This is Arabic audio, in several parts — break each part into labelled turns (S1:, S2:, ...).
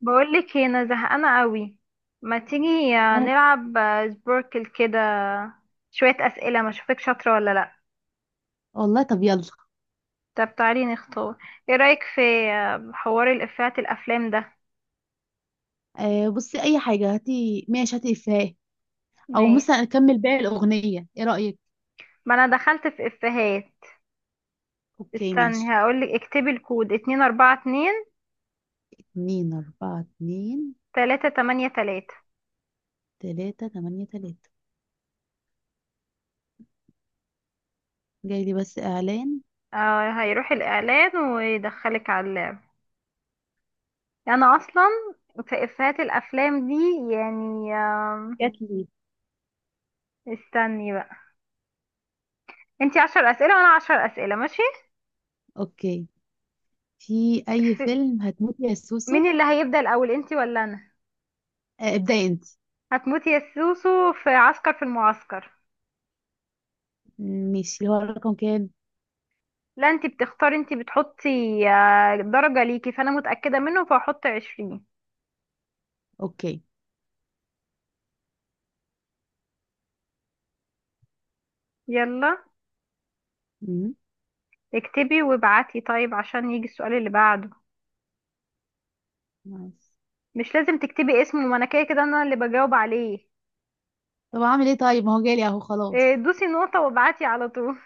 S1: بقولك إيه، انا زهقانه قوي. ما تيجي
S2: وانا.
S1: نلعب سبوركل كده شويه اسئله ما اشوفك شاطره ولا لا.
S2: والله طب يلا.
S1: طب تعالي نختار، ايه رايك في حوار الافيهات الافلام ده؟
S2: آه بصي، اي حاجه هاتي، ماشي هاتي افيه،
S1: ما
S2: او مثلا اكمل باقي الاغنيه، ايه رايك؟
S1: ما انا دخلت في افيهات.
S2: اوكي
S1: استني
S2: ماشي.
S1: هقولك، اكتبي الكود اتنين اربعة اتنين،
S2: اتنين اربعة اتنين.
S1: تلاتة تمانية تلاتة.
S2: تلاتة تمانية تلاتة. جاي لي بس اعلان.
S1: آه هيروح الاعلان ويدخلك على اللعب. انا اصلا في افيهات الافلام دي يعني
S2: جات لي.
S1: استني بقى. انتي عشر اسئله وانا عشر اسئله ماشي؟
S2: اوكي. في اي
S1: في...
S2: فيلم هتموتي يا
S1: مين
S2: سوسو؟
S1: اللي هيبدأ الأول، انتي ولا أنا؟
S2: آه ابدأي انت.
S1: هتموتي يا سوسو في عسكر في المعسكر.
S2: ماشي، اللي هو الرقم كام؟
S1: لا انتي بتختاري، انتي بتحطي. درجة ليكي فأنا متأكدة منه فهحط عشرين.
S2: اوكي.
S1: يلا
S2: مم.
S1: اكتبي وابعتي طيب عشان يجي السؤال اللي بعده.
S2: نايس.
S1: مش لازم تكتبي اسمه، ما انا كده كده انا اللي بجاوب عليه.
S2: طب اعمل ايه طيب؟ ما هو جالي اهو خلاص.
S1: دوسي نقطة وابعتي على طول.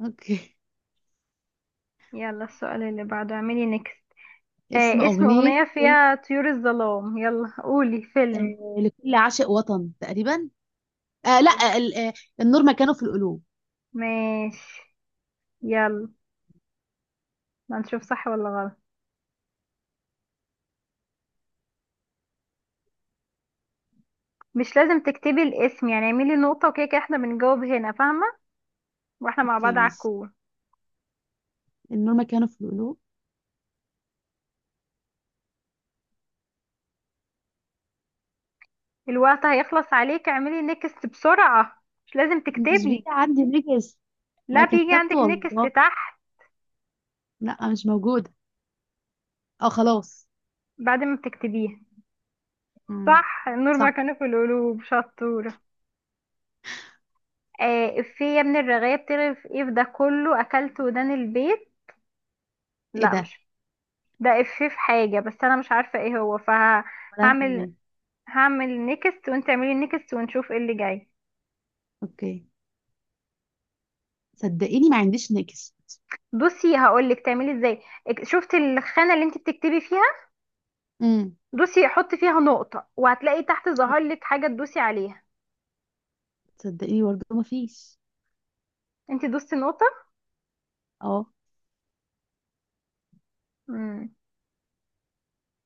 S2: اوكي.
S1: يلا السؤال اللي بعده اعملي نيكست.
S2: اسم
S1: آه، اسم
S2: اغنيه
S1: أغنية
S2: فيلم.
S1: فيها طيور الظلام. يلا قولي فيلم.
S2: آه لكل عاشق وطن تقريبا. آه لا ال- آه، النور مكانه في القلوب.
S1: ماشي يلا، هنشوف صح ولا غلط. مش لازم تكتبي الاسم يعني، اعملي نقطة وكده كده احنا بنجاوب هنا، فاهمة؟ واحنا مع
S2: اوكي
S1: بعض على
S2: ماشي.
S1: الكور.
S2: النور مكانه في القلوب.
S1: الوقت هيخلص عليك، اعملي نيكست بسرعة، مش لازم
S2: مش بيجي
S1: تكتبي.
S2: عندي نجس.
S1: لا،
S2: ما
S1: بيجي
S2: كتبت
S1: عندك نيكست
S2: والله.
S1: تحت
S2: لا مش موجودة. اه خلاص.
S1: بعد ما بتكتبيه.
S2: مم.
S1: صح، النور
S2: صح.
S1: مكانه في القلوب، شطورة. آه، افيه يا ابن الرغاية بتعرف ايه في ده كله اكلت ودان البيت.
S2: ايه
S1: لا
S2: ده؟
S1: مش، ده افيه في حاجة بس انا مش عارفة ايه هو،
S2: ولا انا
S1: فهعمل،
S2: كمان.
S1: هعمل نيكست وانت اعملي نيكست ونشوف ايه اللي جاي.
S2: اوكي. صدقيني ما عنديش نجس.
S1: بصي هقولك تعملي ازاي، شفت الخانة اللي انت بتكتبي فيها؟
S2: امم.
S1: دوسي حطي فيها نقطة وهتلاقي تحت ظهر لك حاجة تدوسي عليها.
S2: صدقيني برضه ما فيش.
S1: انت دوستي نقطة؟
S2: اه.
S1: امم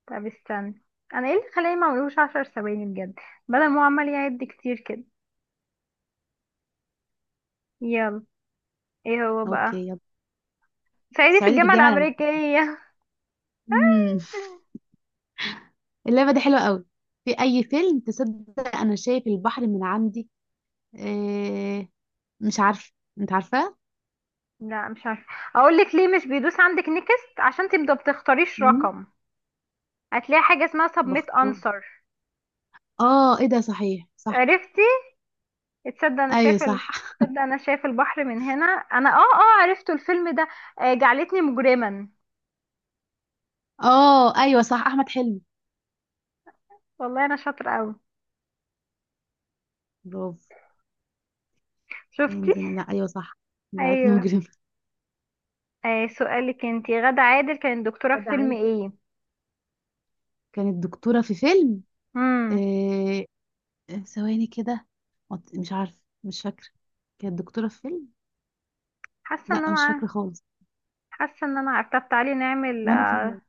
S1: طب استني. انا ايه اللي خلاني ما اعملوش عشر ثواني بجد، بدل ما هو عمال يعد كتير كده. يلا، ايه هو
S2: اوكي
S1: بقى؟
S2: يلا.
S1: صعيدي في
S2: صعيدي في
S1: الجامعة
S2: الجامعة الأمريكية.
S1: الأمريكية.
S2: امم. اللعبة دي حلوة قوي. في اي فيلم تصدق انا شايف البحر من عندي؟ إيه... مش عارفة. انت عارفاه؟
S1: لا مش عارفة. اقولك ليه مش بيدوس عندك نكست، عشان تبدأ بتختاريش
S2: مم.
S1: رقم. هتلاقي حاجة اسمها سبميت
S2: بختار.
S1: انسر.
S2: اه ايه ده، صحيح صح.
S1: عرفتي؟ تصدق انا
S2: ايوه
S1: شايف ال...
S2: صح
S1: تصدق انا شايف البحر من هنا. انا عرفت الفيلم ده. جعلتني مجرما.
S2: اه ايوه صح، احمد حلمي.
S1: والله انا شاطره قوي،
S2: برافو. عين
S1: شفتي؟
S2: زين، لا ايوه صح. بلد
S1: ايوه.
S2: مجرم.
S1: آه، سؤالك انتي، غادة عادل كانت دكتوره في
S2: غادة
S1: فيلم
S2: عادل
S1: ايه؟
S2: كانت دكتوره في فيلم
S1: امم
S2: إيه؟ ثواني كده. مش عارفه، مش فاكره. كانت دكتوره في فيلم.
S1: حاسه
S2: لا
S1: ان انا
S2: مش فاكره خالص.
S1: حاسه ان انا عارفه. طب تعالي نعمل
S2: وانا كمان.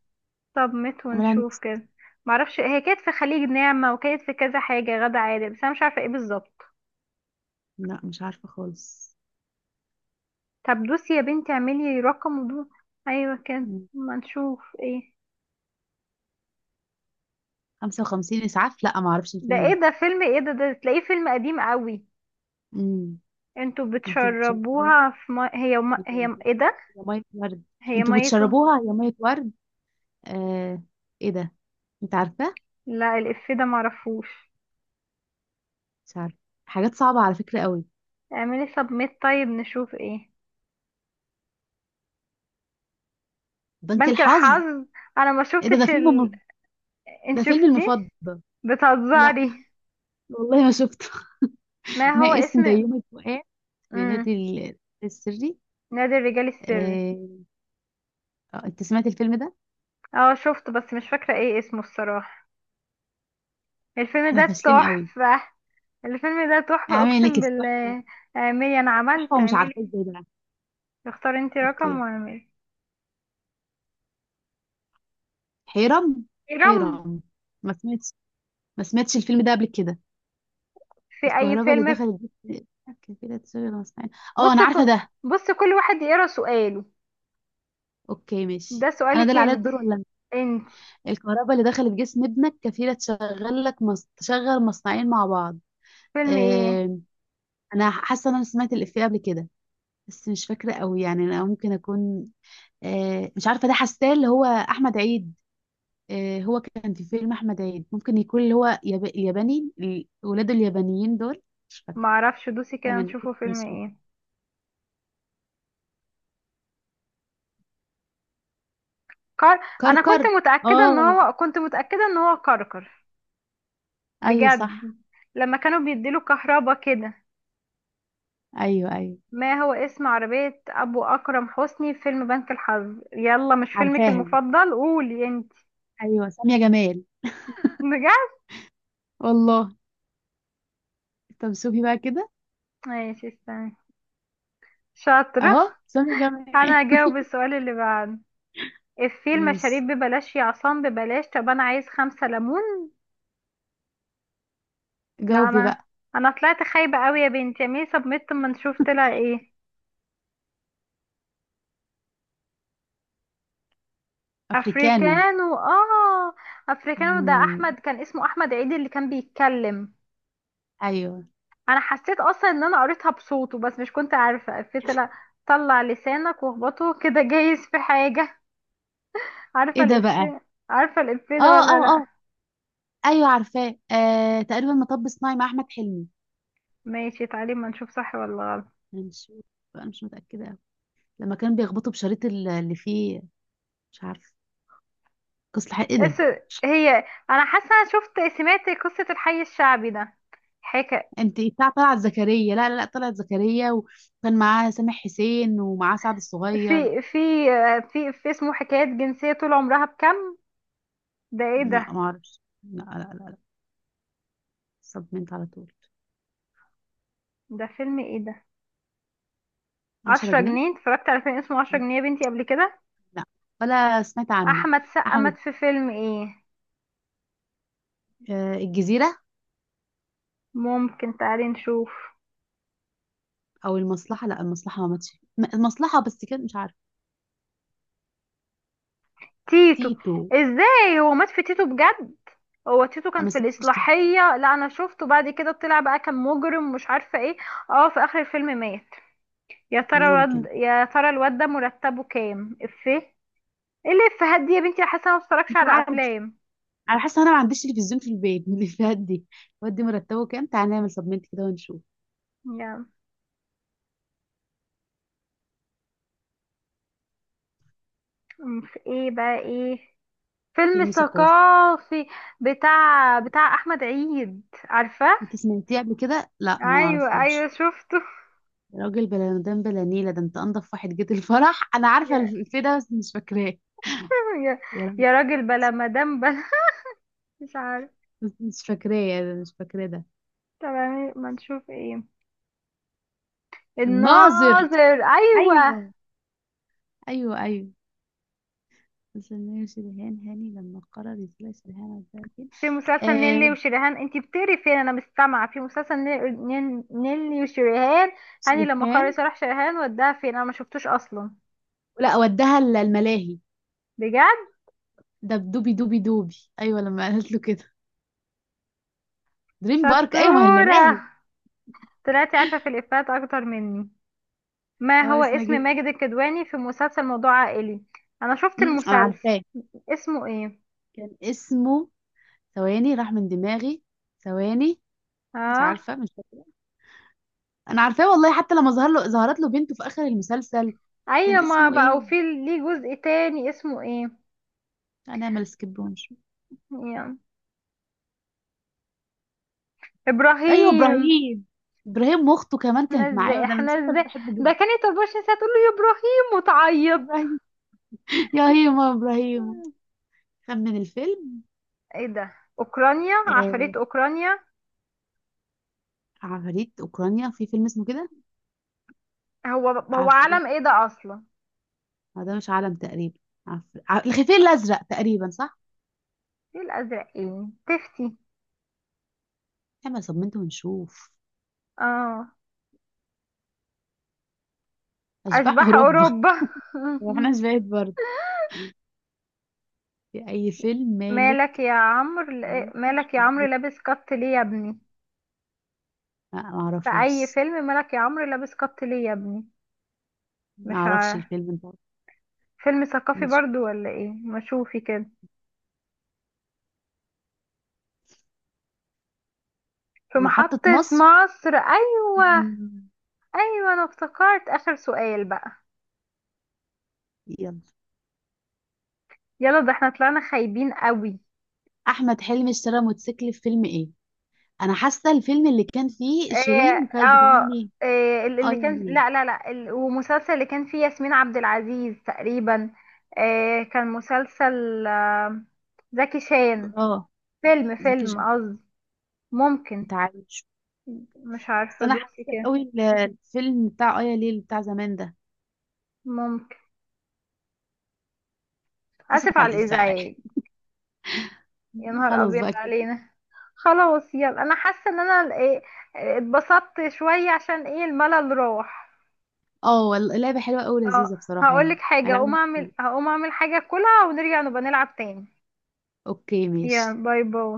S1: سبميت
S2: عملها
S1: ونشوف
S2: نكس.
S1: كده. معرفش، هي كانت في خليج نعمة وكانت في كذا حاجة غادة عادل، بس انا مش عارفة ايه بالظبط.
S2: لا مش عارفه خالص.
S1: طب دوسي يا بنتي، اعملي رقم ودو. ايوه كده.
S2: مم.
S1: ما نشوف ايه.
S2: 55 اسعاف، لا ما اعرفش
S1: ده
S2: الفيلم
S1: ايه
S2: ده.
S1: ده، فيلم ايه ده تلاقيه فيلم قديم قوي.
S2: امم.
S1: انتوا
S2: انتوا بتشربوها
S1: بتشربوها في ما... هي ما...
S2: يا ميه،
S1: هي ايه ده؟
S2: يا مية ورد.
S1: هي
S2: انتوا
S1: ميته.
S2: بتشربوها يا ميه ورد. آه. ايه ده؟ انت عارفه؟
S1: لا، الإفيه ده معرفوش.
S2: مش عارفه. حاجات صعبة على فكرة قوي.
S1: اعملي سبميت طيب نشوف ايه.
S2: بنك
S1: بنك
S2: الحظ.
S1: الحظ. انا ما
S2: ايه ده؟
S1: شفتش ال... انت
S2: ده فيلم
S1: شفتيه؟
S2: المفضل. لا
S1: بتهزري.
S2: والله ما شفته
S1: ما هو
S2: ما اسم ده
S1: اسم.
S2: يوم الفؤاد. في
S1: امم
S2: نادي ال- السري.
S1: نادي الرجال السري.
S2: آه... آه، انت سمعت الفيلم ده؟
S1: اه شفته بس مش فاكرة ايه اسمه الصراحة. الفيلم
S2: احنا
S1: ده
S2: فاشلين قوي.
S1: تحفة. الفيلم ده تحفة
S2: عامل لك
S1: اقسم
S2: تحفة.
S1: بالله. اعملي، انا
S2: تحفة
S1: عملت،
S2: ومش عارفة
S1: اعملي.
S2: ازاي ده.
S1: اختاري انت رقم
S2: اوكي.
S1: واعملي.
S2: حيرم.
S1: اجرام.
S2: حيرم. ما سمعتش. ما سمعتش الفيلم ده قبل كده.
S1: في اي
S2: الكهرباء اللي
S1: فيلم؟
S2: دخلت بيت- كان كده تشغل مسمعين. اه
S1: بص
S2: انا عارفة
S1: ك...
S2: ده.
S1: بص كل واحد يقرا سؤاله.
S2: اوكي ماشي.
S1: ده
S2: انا ده
S1: سؤالك
S2: اللي عليا
S1: انت.
S2: الدور ولا؟
S1: انت
S2: الكهرباء اللي دخلت جسم ابنك كفيلة تشغل لك تشغل مصنعين مع بعض.
S1: فيلم ايه؟
S2: آه... أنا حاسة إن أنا سمعت الإفيه قبل كده، بس مش فاكرة قوي يعني، أنا ممكن أكون آه... مش عارفة، ده حاساه اللي هو أحمد عيد. آه... هو كان في فيلم أحمد عيد، ممكن يكون اللي هو ياباني ولاده اليابانيين دول. مش
S1: ما
S2: فاكرة.
S1: اعرفش، دوسي كده
S2: دايما
S1: نشوفه فيلم
S2: نسيت.
S1: ايه. كار... انا
S2: كركر. آه
S1: كنت متاكده ان هو كركر،
S2: أيوه
S1: بجد.
S2: صح.
S1: لما كانوا بيديله كهربا كده.
S2: أيوه أيوه.
S1: ما هو اسم عربيه ابو اكرم حسني في فيلم بنك الحظ؟ يلا، مش فيلمك
S2: عارفاها دي.
S1: المفضل؟ قولي انت.
S2: أيوه سامية جمال.
S1: بجد.
S2: والله. طب شوفي بقى كده.
S1: ماشي استني. شاطره.
S2: أهو سامية جمال.
S1: انا هجاوب السؤال اللي بعده. الفيل،
S2: ماشي
S1: مشاريب ببلاش يا عصام، ببلاش، طب انا عايز خمسة ليمون. لا
S2: جاوبي
S1: انا،
S2: بقى.
S1: انا طلعت خايبة قوي يا بنتي، اعملي سبميت اما نشوف طلع ايه.
S2: افريكانو.
S1: افريكانو، اه. افريكانو ده
S2: مم.
S1: احمد، كان اسمه احمد عيد اللي كان بيتكلم.
S2: ايوه.
S1: انا حسيت اصلا ان انا قريتها بصوته بس مش كنت عارفة افيه طلع. طلع لسانك واخبطه كده جايز في حاجة.
S2: ايه
S1: عارفة
S2: ده بقى؟
S1: الافيه؟ عارفة الافيه
S2: اه
S1: ده
S2: اه
S1: ولا لا؟
S2: اه. ايوه عارفاه، آه تقريبا مطب صناعي مع احمد حلمي.
S1: ماشي تعالي ما نشوف صح ولا غلط.
S2: هنشوف بقى، مش متاكده أوي. لما كانوا بيخبطوا بشريط ال- اللي فيه. مش عارفه. قصة الحق، ايه
S1: بس،
S2: ده؟
S1: هي، انا حاسه انا سمعت قصه الحي الشعبي ده. حكا
S2: انت بتاع طلعت زكريا، لا لا لا، طلعت زكريا وكان معاه سامح حسين ومعاه سعد الصغير.
S1: في في في اسمه حكايات جنسيه طول عمرها بكم. ده ايه ده،
S2: لا ما اعرفش، لا لا لا. صدمت على طول.
S1: ده فيلم ايه ده؟
S2: 10
S1: عشرة
S2: جنيه
S1: جنيه. اتفرجت على فيلم اسمه عشرة جنيه يا بنتي قبل كده؟
S2: لا ولا سمعت عنه.
S1: احمد سقا مات
S2: احمد،
S1: في فيلم ايه؟
S2: آه الجزيرة.
S1: ممكن، تعالي نشوف.
S2: او المصلحه، لا المصلحه ما ماتش، المصلحه بس كانت مش عارفه.
S1: تيتو.
S2: تيتو.
S1: ازاي هو مات في تيتو بجد؟ هو تيتو
S2: انا
S1: كان
S2: ما
S1: في
S2: سمعتش تيتو.
S1: الإصلاحية، لا أنا شفته بعد كده طلع بقى كان مجرم مش عارفة ايه. اه، في آخر الفيلم مات.
S2: ممكن.
S1: يا ترى الواد ده مرتبه كام، افيه ايه؟ إيه اللي افيهات دي يا بنتي، أنا حاسه أنا ما بتفرجش
S2: مش
S1: على
S2: عارف.
S1: افلام.
S2: انا حاسه انا ما عنديش تلفزيون في البيت من الافيهات دي. ودي مرتبه كام؟ تعالى نعمل سبمنت كده ونشوف.
S1: يا في ايه بقى، ايه؟ فيلم
S2: فيلم ثقافي.
S1: ثقافي. بتاع احمد عيد، عارفه.
S2: انت سمعتيه قبل كده؟ لا ما
S1: ايوه ايوه
S2: نعرفوش.
S1: شفته.
S2: يا راجل بلا مدام بلا نيله، ده انت انضف واحد جيت الفرح انا عارفه
S1: يا
S2: الفيلم ده بس مش فاكراه.
S1: يا,
S2: يا راجل.
S1: يا راجل بلا مدام بلا. مش عارف.
S2: بس مش فاكراه، مش فاكراه ده.
S1: طب يعني ما نشوف ايه.
S2: الناظر،
S1: الناظر، ايوه.
S2: ايوه ايوه ايوه. بس إنه يشبهان هاني لما قرر يسلش الهنا.
S1: في مسلسل نيللي وشريهان. انت بتقري فين؟ انا مستمعه. في مسلسل نيللي وشريهان، هاني لما قرر
S2: سرحان.
S1: صالح شريهان، وداها فين؟ انا ما شفتوش اصلا.
S2: لا ودها الملاهي.
S1: بجد؟
S2: ده بدوبي دوبي دوبي. ايوه لما قالت له كده. دريم بارك، ايوه ما هي
S1: شطوره،
S2: الملاهي.
S1: طلعتي عارفه في الافيهات اكتر مني. ما
S2: هو
S1: هو
S2: اسمها
S1: اسم
S2: كده؟
S1: ماجد الكدواني في مسلسل موضوع عائلي؟ انا شفت
S2: أمم، انا
S1: المسلسل،
S2: عارفاه.
S1: اسمه ايه؟
S2: كان اسمه. ثواني راح من دماغي. ثواني. مش
S1: اه،
S2: عارفه مش فاكره. انا عارفاه والله، حتى لما ظهر له ظهرت له بنته في اخر المسلسل. كان
S1: ايوه، ما
S2: اسمه
S1: بقى
S2: ايه؟
S1: وفي ليه جزء تاني، اسمه ايه؟
S2: انا مال سكيبونش.
S1: يعني.
S2: ايوه
S1: ابراهيم.
S2: ابراهيم. ابراهيم واخته كمان كانت معاه، وده
S1: احنا
S2: المسلسل ده
S1: ازاي
S2: بحبه
S1: ده،
S2: جدا.
S1: كانت 24 ساعه تقول له يا ابراهيم وتعيط.
S2: ابراهيم. يا هيما ابراهيم. خمن الفيلم.
S1: ايه ده، اوكرانيا،
S2: آه،
S1: عفاريت اوكرانيا؟
S2: عفاريت اوكرانيا. في فيلم اسمه كده؟
S1: هو
S2: عفريت.
S1: علم ايه ده اصلا؟
S2: آه، ده مش عالم تقريبا. الخفير الازرق تقريبا صح.
S1: ايه الازرقين، تفتي
S2: احنا صممت ونشوف.
S1: اه؟
S2: اشباح
S1: اشباح
S2: اوروبا.
S1: اوروبا.
S2: واحنا شباب برضه. في اي فيلم مالك؟
S1: مالك يا عمرو
S2: لا
S1: لا- مالك يا عمرو لابس قط ليه يا ابني.
S2: ما
S1: في اي
S2: اعرفوش.
S1: فيلم مالك يا عمرو لابس قط ليه يا ابني؟ مش
S2: ما اعرفش
S1: عارف.
S2: الفيلم ده.
S1: فيلم ثقافي
S2: نشوف.
S1: برضو ولا ايه، ما شوفي كده. في
S2: في محطة
S1: محطة
S2: مصر.
S1: مصر، ايوه.
S2: مم.
S1: ايوه انا افتكرت، اخر سؤال بقى.
S2: يلا.
S1: يلا، ده احنا طلعنا خايبين قوي.
S2: احمد حلمي اشترى موتوسيكل في فيلم ايه؟ انا حاسه الفيلم اللي كان فيه
S1: اه،
S2: شيرين وكانت
S1: آه،
S2: بتغني اه
S1: اللي
S2: يا
S1: كان،
S2: ليل.
S1: لا لا لا، ومسلسل اللي كان فيه ياسمين عبد العزيز تقريبا. كان مسلسل، زكي شان.
S2: اه
S1: فيلم
S2: زكي
S1: فيلم
S2: شان.
S1: قصدي. ممكن.
S2: انت عارف؟
S1: مش
S2: بس
S1: عارفة،
S2: انا
S1: دوسي
S2: حاسه
S1: كده.
S2: قوي الفيلم بتاع ايا ليل بتاع زمان ده.
S1: ممكن.
S2: اسف
S1: آسف
S2: على
S1: على
S2: الازعاج.
S1: الإزعاج. يا نهار
S2: خلاص
S1: أبيض
S2: بقى كده.
S1: علينا. خلاص يلا، أنا حاسة إن أنا اتبسطت شوية، عشان الملل راح.
S2: اه والله اللعبه حلوه قوي،
S1: اه،
S2: لذيذه بصراحه يعني.
S1: هقولك حاجة،
S2: العبها كتير.
S1: هقوم أعمل حاجة كلها ونرجع نبقى نلعب تاني.
S2: اوكي
S1: يا
S2: ماشي.
S1: باي باي.